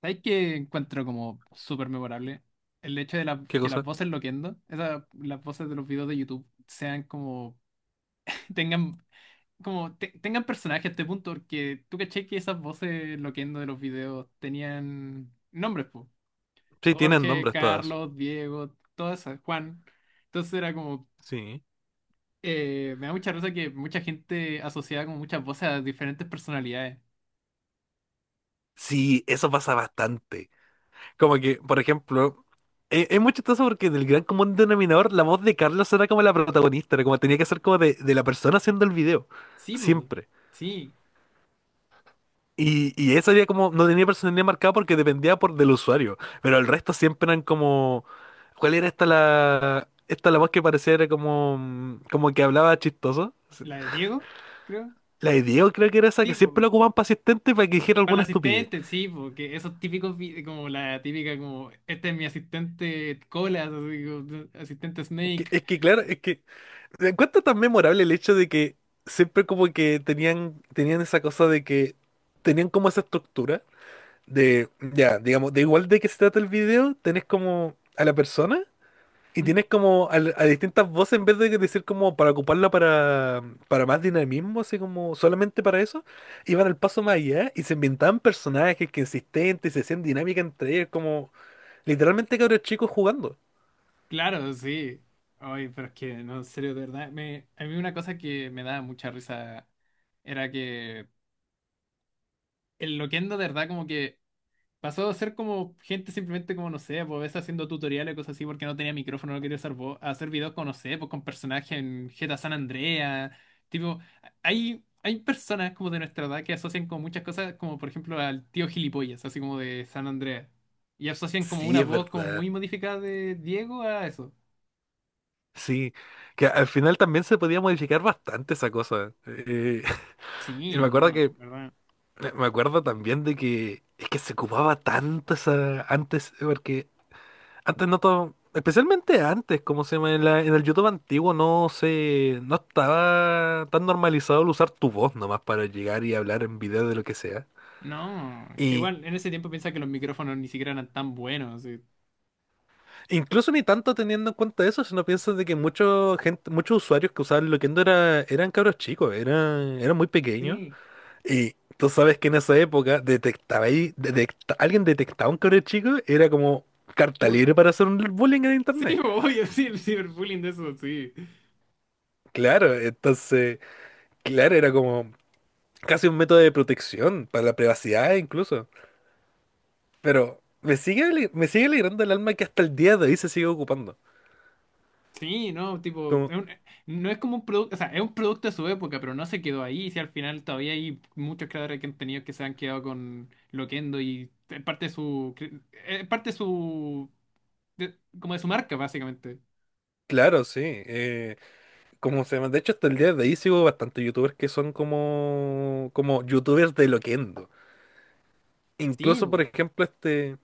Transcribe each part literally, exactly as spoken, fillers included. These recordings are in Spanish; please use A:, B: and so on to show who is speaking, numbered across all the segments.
A: ¿Sabes qué encuentro como súper memorable? El hecho de la-
B: ¿Qué
A: que las
B: cosa?
A: voces loquendo, esas, las voces de los videos de YouTube, sean como, tengan, como, te- tengan personaje a este punto, porque tú caché que esas voces loquendo de los videos tenían nombres, po.
B: Sí, tienen
A: Jorge,
B: nombres todas.
A: Carlos, Diego, todas esas, Juan. Entonces era como,
B: Sí.
A: eh, me da mucha risa que mucha gente asociaba como muchas voces a diferentes personalidades.
B: Sí, eso pasa bastante. Como que, por ejemplo, eh, es muy chistoso porque en el gran común denominador la voz de Carlos era como la protagonista, era como tenía que ser como de, de la persona haciendo el video.
A: Sí, po,
B: Siempre.
A: sí.
B: Y, y eso era como, no tenía personalidad marcada porque dependía por del usuario. Pero el resto siempre eran como. ¿Cuál era esta la. Esta la voz que parecía era como. mm, como que hablaba chistoso?
A: La de Diego, creo.
B: La de Diego creo que era esa
A: Sí,
B: que siempre
A: po.
B: lo ocupaban para asistente para que dijera
A: Para el
B: alguna estupidez.
A: asistente, sí, porque esos típicos, vi- como la típica, como, este es mi asistente colas, así como, asistente Snake.
B: Que- Es que claro, es que me encuentro tan memorable el hecho de que siempre como que tenían, tenían esa cosa de que tenían como esa estructura de, ya, digamos, de igual de que se trata el video, tenés como a la persona y
A: Mm.
B: tienes como al- a, distintas voces en vez de decir como para ocuparla para, para más dinamismo, así como solamente para eso, iban al paso más allá y se inventaban personajes que existentes y se hacían dinámica entre ellos, como literalmente cabros chicos jugando.
A: Claro, sí. Ay, pero es que, no, en serio, de verdad, me, a mí una cosa que me daba mucha risa era que el Loquendo, de verdad, como que pasó a ser como gente simplemente como, no sé, pues haciendo tutoriales, cosas así, porque no tenía micrófono, no quería usar voz, a hacer videos con, no sé, pues con personajes en G T A San Andreas, tipo, hay, hay personas como de nuestra edad que asocian con muchas cosas, como por ejemplo al tío gilipollas, así como de San Andreas, y asocian como
B: Sí,
A: una
B: es
A: voz como
B: verdad.
A: muy modificada de Diego a eso.
B: Sí, que al final también se podía modificar bastante esa cosa. Eh, y
A: Sí,
B: me acuerdo
A: no,
B: que,
A: ¿verdad?
B: eh, me acuerdo también de que es que se ocupaba tanto esa, antes, porque antes no todo, especialmente antes, como se llama, en la- en el YouTube antiguo no se, no estaba tan normalizado el usar tu voz nomás para llegar y hablar en video de lo que sea.
A: No, que
B: Y
A: igual en ese tiempo piensa que los micrófonos ni siquiera eran tan buenos. Sí,
B: incluso ni tanto teniendo en cuenta eso, si no piensas de que mucho gente, muchos usuarios que usaban Loquendo era, eran cabros chicos, eran, eran muy pequeños.
A: sí.
B: Y tú sabes que en esa época detectaba ahí, detecta- alguien detectaba un cabrón chico, era como carta
A: Cur-
B: libre para hacer un bullying en
A: sí,
B: internet.
A: obvio, sí, el ciberbullying de eso, sí.
B: Claro, entonces, claro, era como casi un método de protección para la privacidad incluso. Pero me sigue, ale- me sigue alegrando el alma que hasta el día de hoy se sigue ocupando.
A: Sí, no, tipo,
B: Como,
A: es un- no es como un producto, o sea, es un producto de su época, pero no se quedó ahí. Si al final todavía hay muchos creadores que han tenido que se han quedado con Loquendo y es parte de su, cre- es parte de su, de- como de su marca, básicamente.
B: claro, sí. eh, como se llama, de hecho hasta el día de hoy sigo bastante youtubers que son como, como youtubers de Loquendo.
A: Sí,
B: Incluso, por
A: bu.
B: ejemplo, este.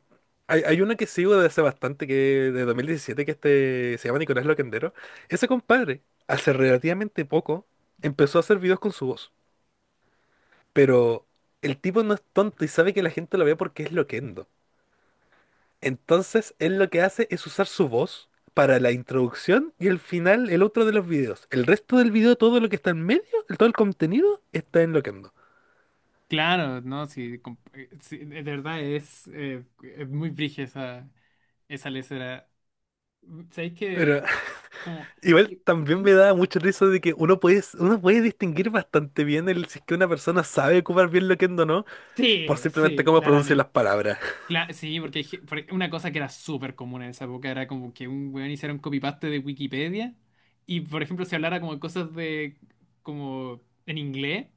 B: Hay, hay una que sigo desde hace bastante, que de dos mil diecisiete, que este se llama Nicolás Loquendero. Ese compadre, hace relativamente poco, empezó a hacer videos con su voz. Pero el tipo no es tonto y sabe que la gente lo ve porque es loquendo. Entonces, él lo que hace es usar su voz para la introducción y el final, el otro de los videos. El resto del video, todo lo que está en medio, todo el contenido, está en loquendo.
A: Claro, no, sí, com- eh, sí, de verdad es, eh, es muy brígida esa, esa lesera. ¿Sabéis que,
B: Pero
A: como,
B: igual también
A: ¿Mm?
B: me da mucha risa de que uno puede, uno puede distinguir bastante bien el, si es que una persona sabe ocupar bien lo que o no, por
A: Sí,
B: simplemente
A: sí,
B: cómo pronuncia las
A: claramente.
B: palabras.
A: Cla- sí, porque hay ge- por una cosa que era súper común en esa época era como que un weón hiciera un copy-paste de Wikipedia y, por ejemplo, se hablara como de cosas de, como en inglés,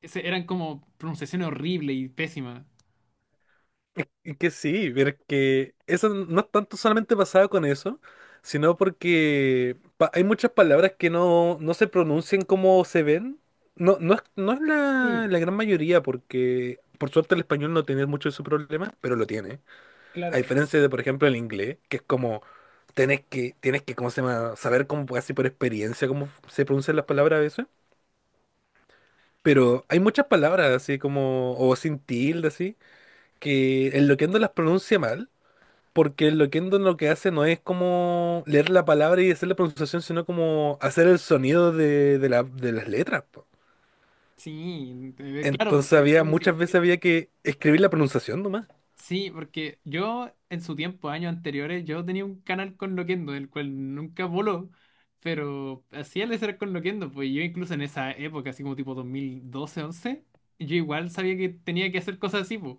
A: ese- eran como pronunciaciones horribles y pésimas.
B: y que sí, pero es que eso no es tanto solamente pasado con eso, sino porque pa- hay muchas palabras que no, no se pronuncian como se ven. No, no es, no es la,
A: Sí,
B: la gran mayoría, porque por suerte el español no tiene mucho de su problema, pero lo tiene. A
A: claro.
B: diferencia de, por ejemplo, el inglés, que es como tenés que, tienes que, ¿cómo se llama? Saber como casi por experiencia cómo se pronuncian las palabras a veces. Pero hay muchas palabras así como, o sin tilde así, que el loquendo las pronuncia mal, porque el loquendo lo que hace no es como leer la palabra y hacer la pronunciación, sino como hacer el sonido de, de la- de las letras. Po.
A: Sí, eh, claro, pues,
B: Entonces
A: sí,
B: había,
A: entiendo, sí.
B: muchas veces había que escribir la pronunciación nomás.
A: Sí, porque yo en su tiempo, años anteriores, yo tenía un canal con Loquendo, el cual nunca voló, pero hacía el ser con Loquendo, pues yo incluso en esa época, así como tipo dos mil doce, once, yo igual sabía que tenía que hacer cosas así, po.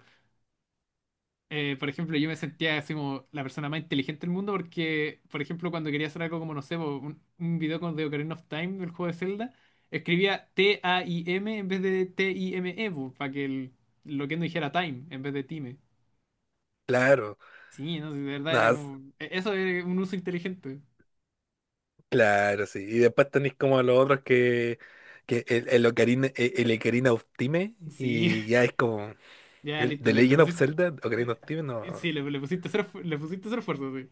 A: Eh, por ejemplo, yo me sentía así como la persona más inteligente del mundo porque, por ejemplo, cuando quería hacer algo como, no sé, po, un, un video con The Ocarina of Time, del juego de Zelda, escribía T-A-I-M en vez de T-I-M-E, para que el Loquendo dijera Time en vez de Time.
B: Claro,
A: Sí, no sé, de verdad era
B: nada,
A: como. e- Eso era un uso inteligente.
B: claro, sí. Y después tenéis como los otros que, que el, el Ocarina, el, el Ocarina of Time
A: Sí,
B: y ya es como
A: ya
B: el
A: listo,
B: The
A: le, le
B: Legend of
A: pusiste.
B: Zelda,
A: eh,
B: Ocarina of Time, no.
A: eh, Sí, le, le pusiste cero, esfu- le pusiste cero esfuerzo, sí.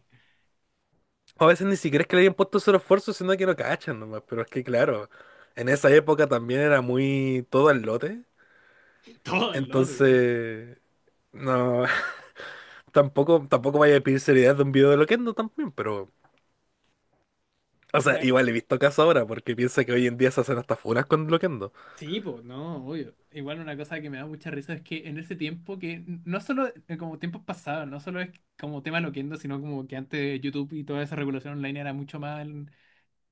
B: A veces ni siquiera es que le hayan puesto su esfuerzo, sino que no cachan nomás. Pero es que claro, en esa época también era muy todo al lote.
A: Todo el lote, sí.
B: Entonces, no, tampoco, tampoco vaya a pedir seriedad de un video de Loquendo también, pero. O sea,
A: Una...
B: igual he visto casos ahora, porque piensa que hoy en día se hacen hasta funas con Loquendo.
A: Sí, pues, no, obvio. Igual una cosa que me da mucha risa es que en ese tiempo que, n- no solo eh, como tiempos pasados, no solo es como tema loquendo, sino como que antes YouTube y toda esa regulación online era mucho más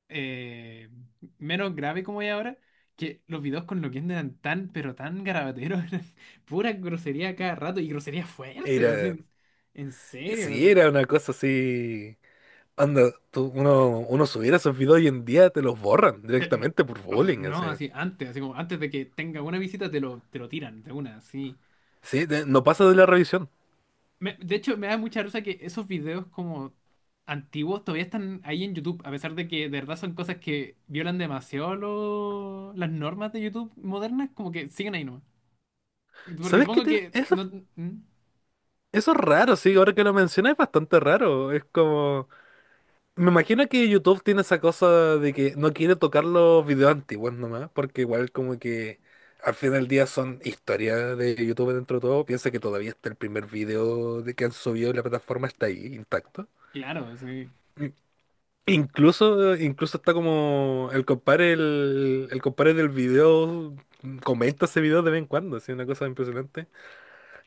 A: eh, menos grave como es ahora, que los videos con Loquendo eran tan, pero tan garabateros, eran pura grosería cada rato y grosería fuerte,
B: Era
A: así, en serio,
B: Sí,
A: así.
B: era una cosa así. Anda, tú- uno, uno subiera esos videos hoy en día, te los borran
A: Te- no,
B: directamente por
A: oh,
B: bullying,
A: no,
B: así.
A: así, antes, así como antes de que tenga una visita te lo, te lo tiran de una, así.
B: Sí, de- no pasa de la revisión.
A: Me- de hecho, me da mucha risa que esos videos como antiguos todavía están ahí en YouTube, a pesar de que de verdad son cosas que violan demasiado lo- las normas de YouTube modernas, como que siguen ahí nomás. Porque
B: ¿Sabes qué
A: supongo que
B: tiene? Eso,
A: no.
B: eso es raro, sí, ahora que lo mencionas es bastante raro. Es como. Me imagino que YouTube tiene esa cosa de que no quiere tocar los videos antiguos nomás, porque igual como que al final del día son historias de YouTube dentro de todo. Piensa que todavía está el primer video de que han subido y la plataforma está ahí intacto.
A: Claro, sí.
B: Incluso, incluso está como el compadre, el, el compadre del video comenta ese video de vez en cuando, así una cosa impresionante.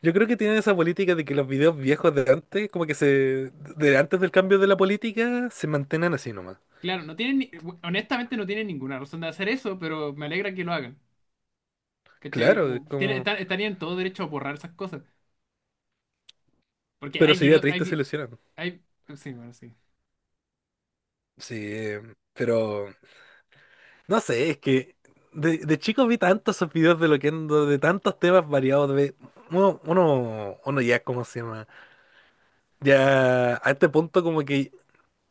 B: Yo creo que tienen esa política de que los videos viejos de antes, como que se, de antes del cambio de la política, se mantengan así nomás.
A: Claro, no tienen, ni- honestamente no tienen ninguna razón de hacer eso, pero me alegra que lo hagan. ¿Cachai?
B: Claro, es
A: Como, tiene-
B: como,
A: está- estarían todo derecho a borrar esas cosas. Porque
B: pero
A: hay
B: sería
A: videos, hay,
B: triste si lo
A: vi-
B: hicieran.
A: hay, sí, bueno, sí.
B: Sí, pero no sé, es que de, de chico vi tantos esos videos de lo que de tantos temas variados, de uno, uno, uno ya, ¿cómo se llama? Ya a este punto como que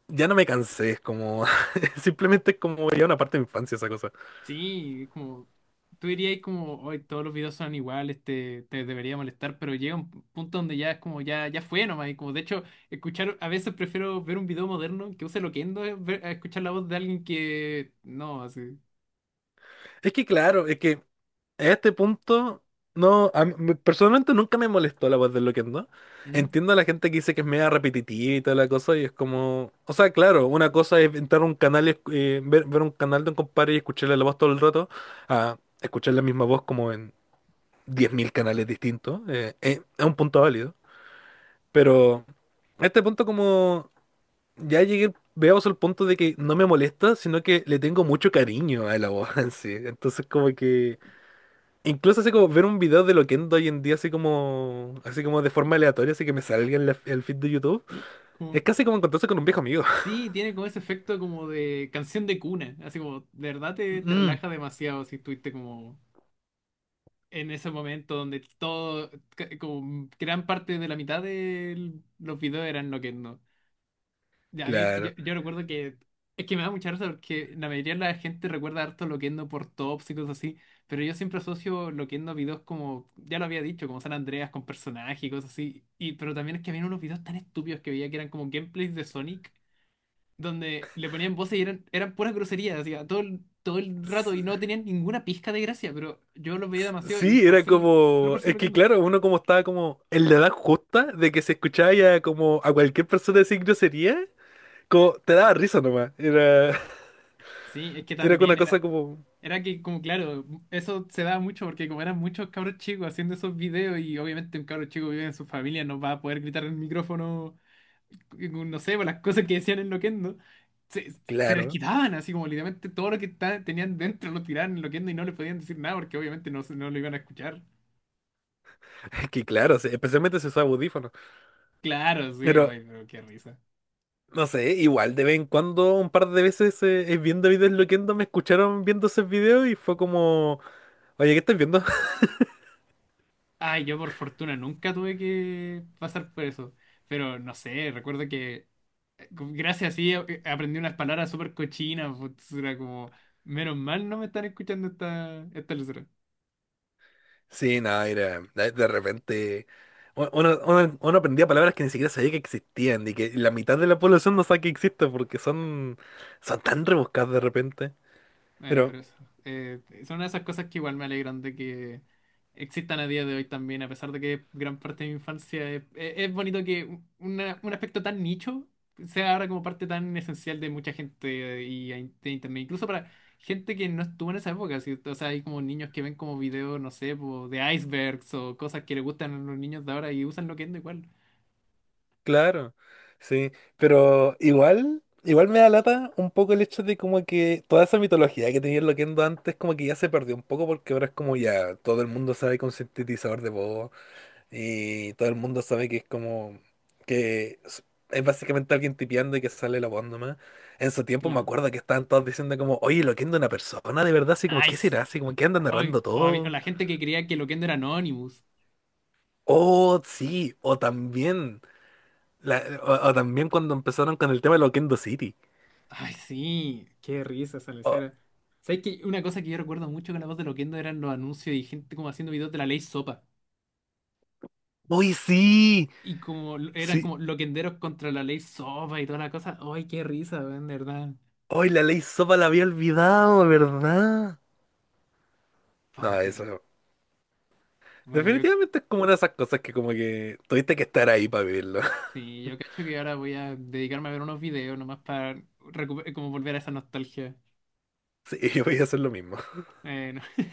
B: ya no me cansé, es como. Simplemente es como ya una parte de mi infancia esa cosa.
A: Sí, como, tú dirías como, hoy todos los videos son iguales, te, te debería molestar, pero llega un punto donde ya es como, ya, ya fue nomás. Y como, de hecho, escuchar, a veces prefiero ver un video moderno que use Loquendo a ver- a escuchar la voz de alguien que, no, así.
B: Es que claro, es que a este punto, no. a mí- me- personalmente nunca me molestó la voz de Loquendo.
A: ¿Mm?
B: Entiendo a la gente que dice que es media repetitiva y toda la cosa, y es como. O sea, claro, una cosa es entrar a un canal y escu- eh, ver, ver un canal de un compadre y escucharle la voz todo el rato, a escuchar la misma voz como en diez mil canales distintos. eh, eh, es un punto válido. Pero. A este punto como ya llegué, veamos al punto de que no me molesta, sino que le tengo mucho cariño a la voz en sí. Entonces como que incluso así como ver un video de Loquendo hoy en día así como así como de forma aleatoria, así que me salga en la- el feed de YouTube,
A: Sí,
B: es
A: como...
B: casi como encontrarse con un viejo amigo.
A: Sí, tiene como ese efecto como de canción de cuna, así como, de verdad te, te
B: Mm,
A: relaja demasiado si estuviste como en ese momento donde todo, ca- como gran parte de la mitad de los videos eran Loquendo. Y a mí, yo,
B: claro.
A: yo recuerdo que, es que me da mucha risa porque la mayoría de la gente recuerda harto Loquendo por tops y cosas así, pero yo siempre asocio Loquendo a videos como, ya lo había dicho, como San Andreas con personajes y cosas así, y, pero también es que había unos videos tan estúpidos que veía que eran como gameplays de Sonic donde le ponían voces y eran, eran puras groserías, hacía todo, el- todo el rato y
B: S-
A: no tenían ninguna pizca de gracia, pero yo los veía
B: s-
A: demasiado y
B: Sí,
A: por
B: era
A: ser, solo
B: como,
A: por ser
B: es que
A: loquiendo.
B: claro, uno como estaba como en la edad justa de que se escuchaba ya como a cualquier persona decir grosería, como te daba risa nomás, era,
A: Sí, es que
B: era
A: también
B: una
A: era,
B: cosa como,
A: era que como claro, eso se daba mucho porque como eran muchos cabros chicos haciendo esos videos y obviamente un cabro chico vive en su familia, no va a poder gritar en el micrófono, no sé, por las cosas que decían en loquendo. Se, se les
B: claro.
A: quitaban así como literalmente todo lo que ta- tenían dentro lo tiraban en loquendo y no le podían decir nada porque obviamente no, se- no lo iban a escuchar.
B: Que claro, sí, especialmente si usa audífonos.
A: Claro, sí,
B: Pero,
A: ay, pero qué risa.
B: no sé, igual de vez en cuando, un par de veces eh, eh, viendo videos loquendo, me escucharon viendo esos videos y fue como, oye, ¿qué estás viendo?
A: Ay, yo por fortuna nunca tuve que pasar por eso. Pero no sé, recuerdo que eh, gracias a sí eh, eh, aprendí unas palabras súper cochinas. Pues, era como, menos mal no me están escuchando esta, esta.
B: Sí, no, era, de de repente u- uno, uno- uno aprendía palabras que ni siquiera sabía que existían y que la mitad de la población no sabe que existen porque son, son tan rebuscadas de repente.
A: Bueno,
B: Pero
A: pero eso. Eh, son esas cosas que igual me alegran de que existan a día de hoy también, a pesar de que gran parte de mi infancia es, es- es bonito que un una- un aspecto tan nicho sea ahora como parte tan esencial de mucha gente eh, y a in- de internet, incluso para gente que no estuvo en esa época, ¿sí? O sea, hay como niños que ven como videos, no sé, po, de icebergs o cosas que les gustan a los niños de ahora y usan Loquendo igual.
B: claro, sí, pero igual, igual me da lata un poco el hecho de como que toda esa mitología que tenía el Loquendo antes como que ya se perdió un poco porque ahora es como ya todo el mundo sabe que un sintetizador de voz y todo el mundo sabe que es como que es es básicamente alguien tipeando y que sale la voz nomás. En su tiempo me
A: Claro.
B: acuerdo que estaban todos diciendo como, oye, Loquendo es una persona de verdad, así como, ¿qué
A: Nice.
B: será? Así como que andan
A: O,
B: narrando
A: o había- o
B: todo.
A: la gente que creía que Loquendo era Anonymous.
B: Oh, sí, o también, la- o, o también cuando empezaron con el tema de Loquendo City.
A: Ay, sí, qué risa esa
B: Oh,
A: lesera. ¿Sabes que una cosa que yo recuerdo mucho con la voz de Loquendo eran los anuncios y gente como haciendo videos de la ley Sopa?
B: ¡uy, sí!
A: Y como l- eran
B: Sí.
A: como loquenderos contra la ley Sopa y toda la cosa. Ay, qué risa, weón, de verdad.
B: ¡Uy, la ley sopa la había olvidado, ¿verdad? No,
A: Ay, qué
B: eso.
A: risa.
B: No.
A: Bueno, yo
B: Definitivamente es como una de esas cosas que como que tuviste que estar ahí para vivirlo.
A: sí, yo cacho que ahora voy a dedicarme a ver unos videos nomás para recu- como volver a esa nostalgia.
B: Sí, yo voy a hacer lo mismo.
A: Eh,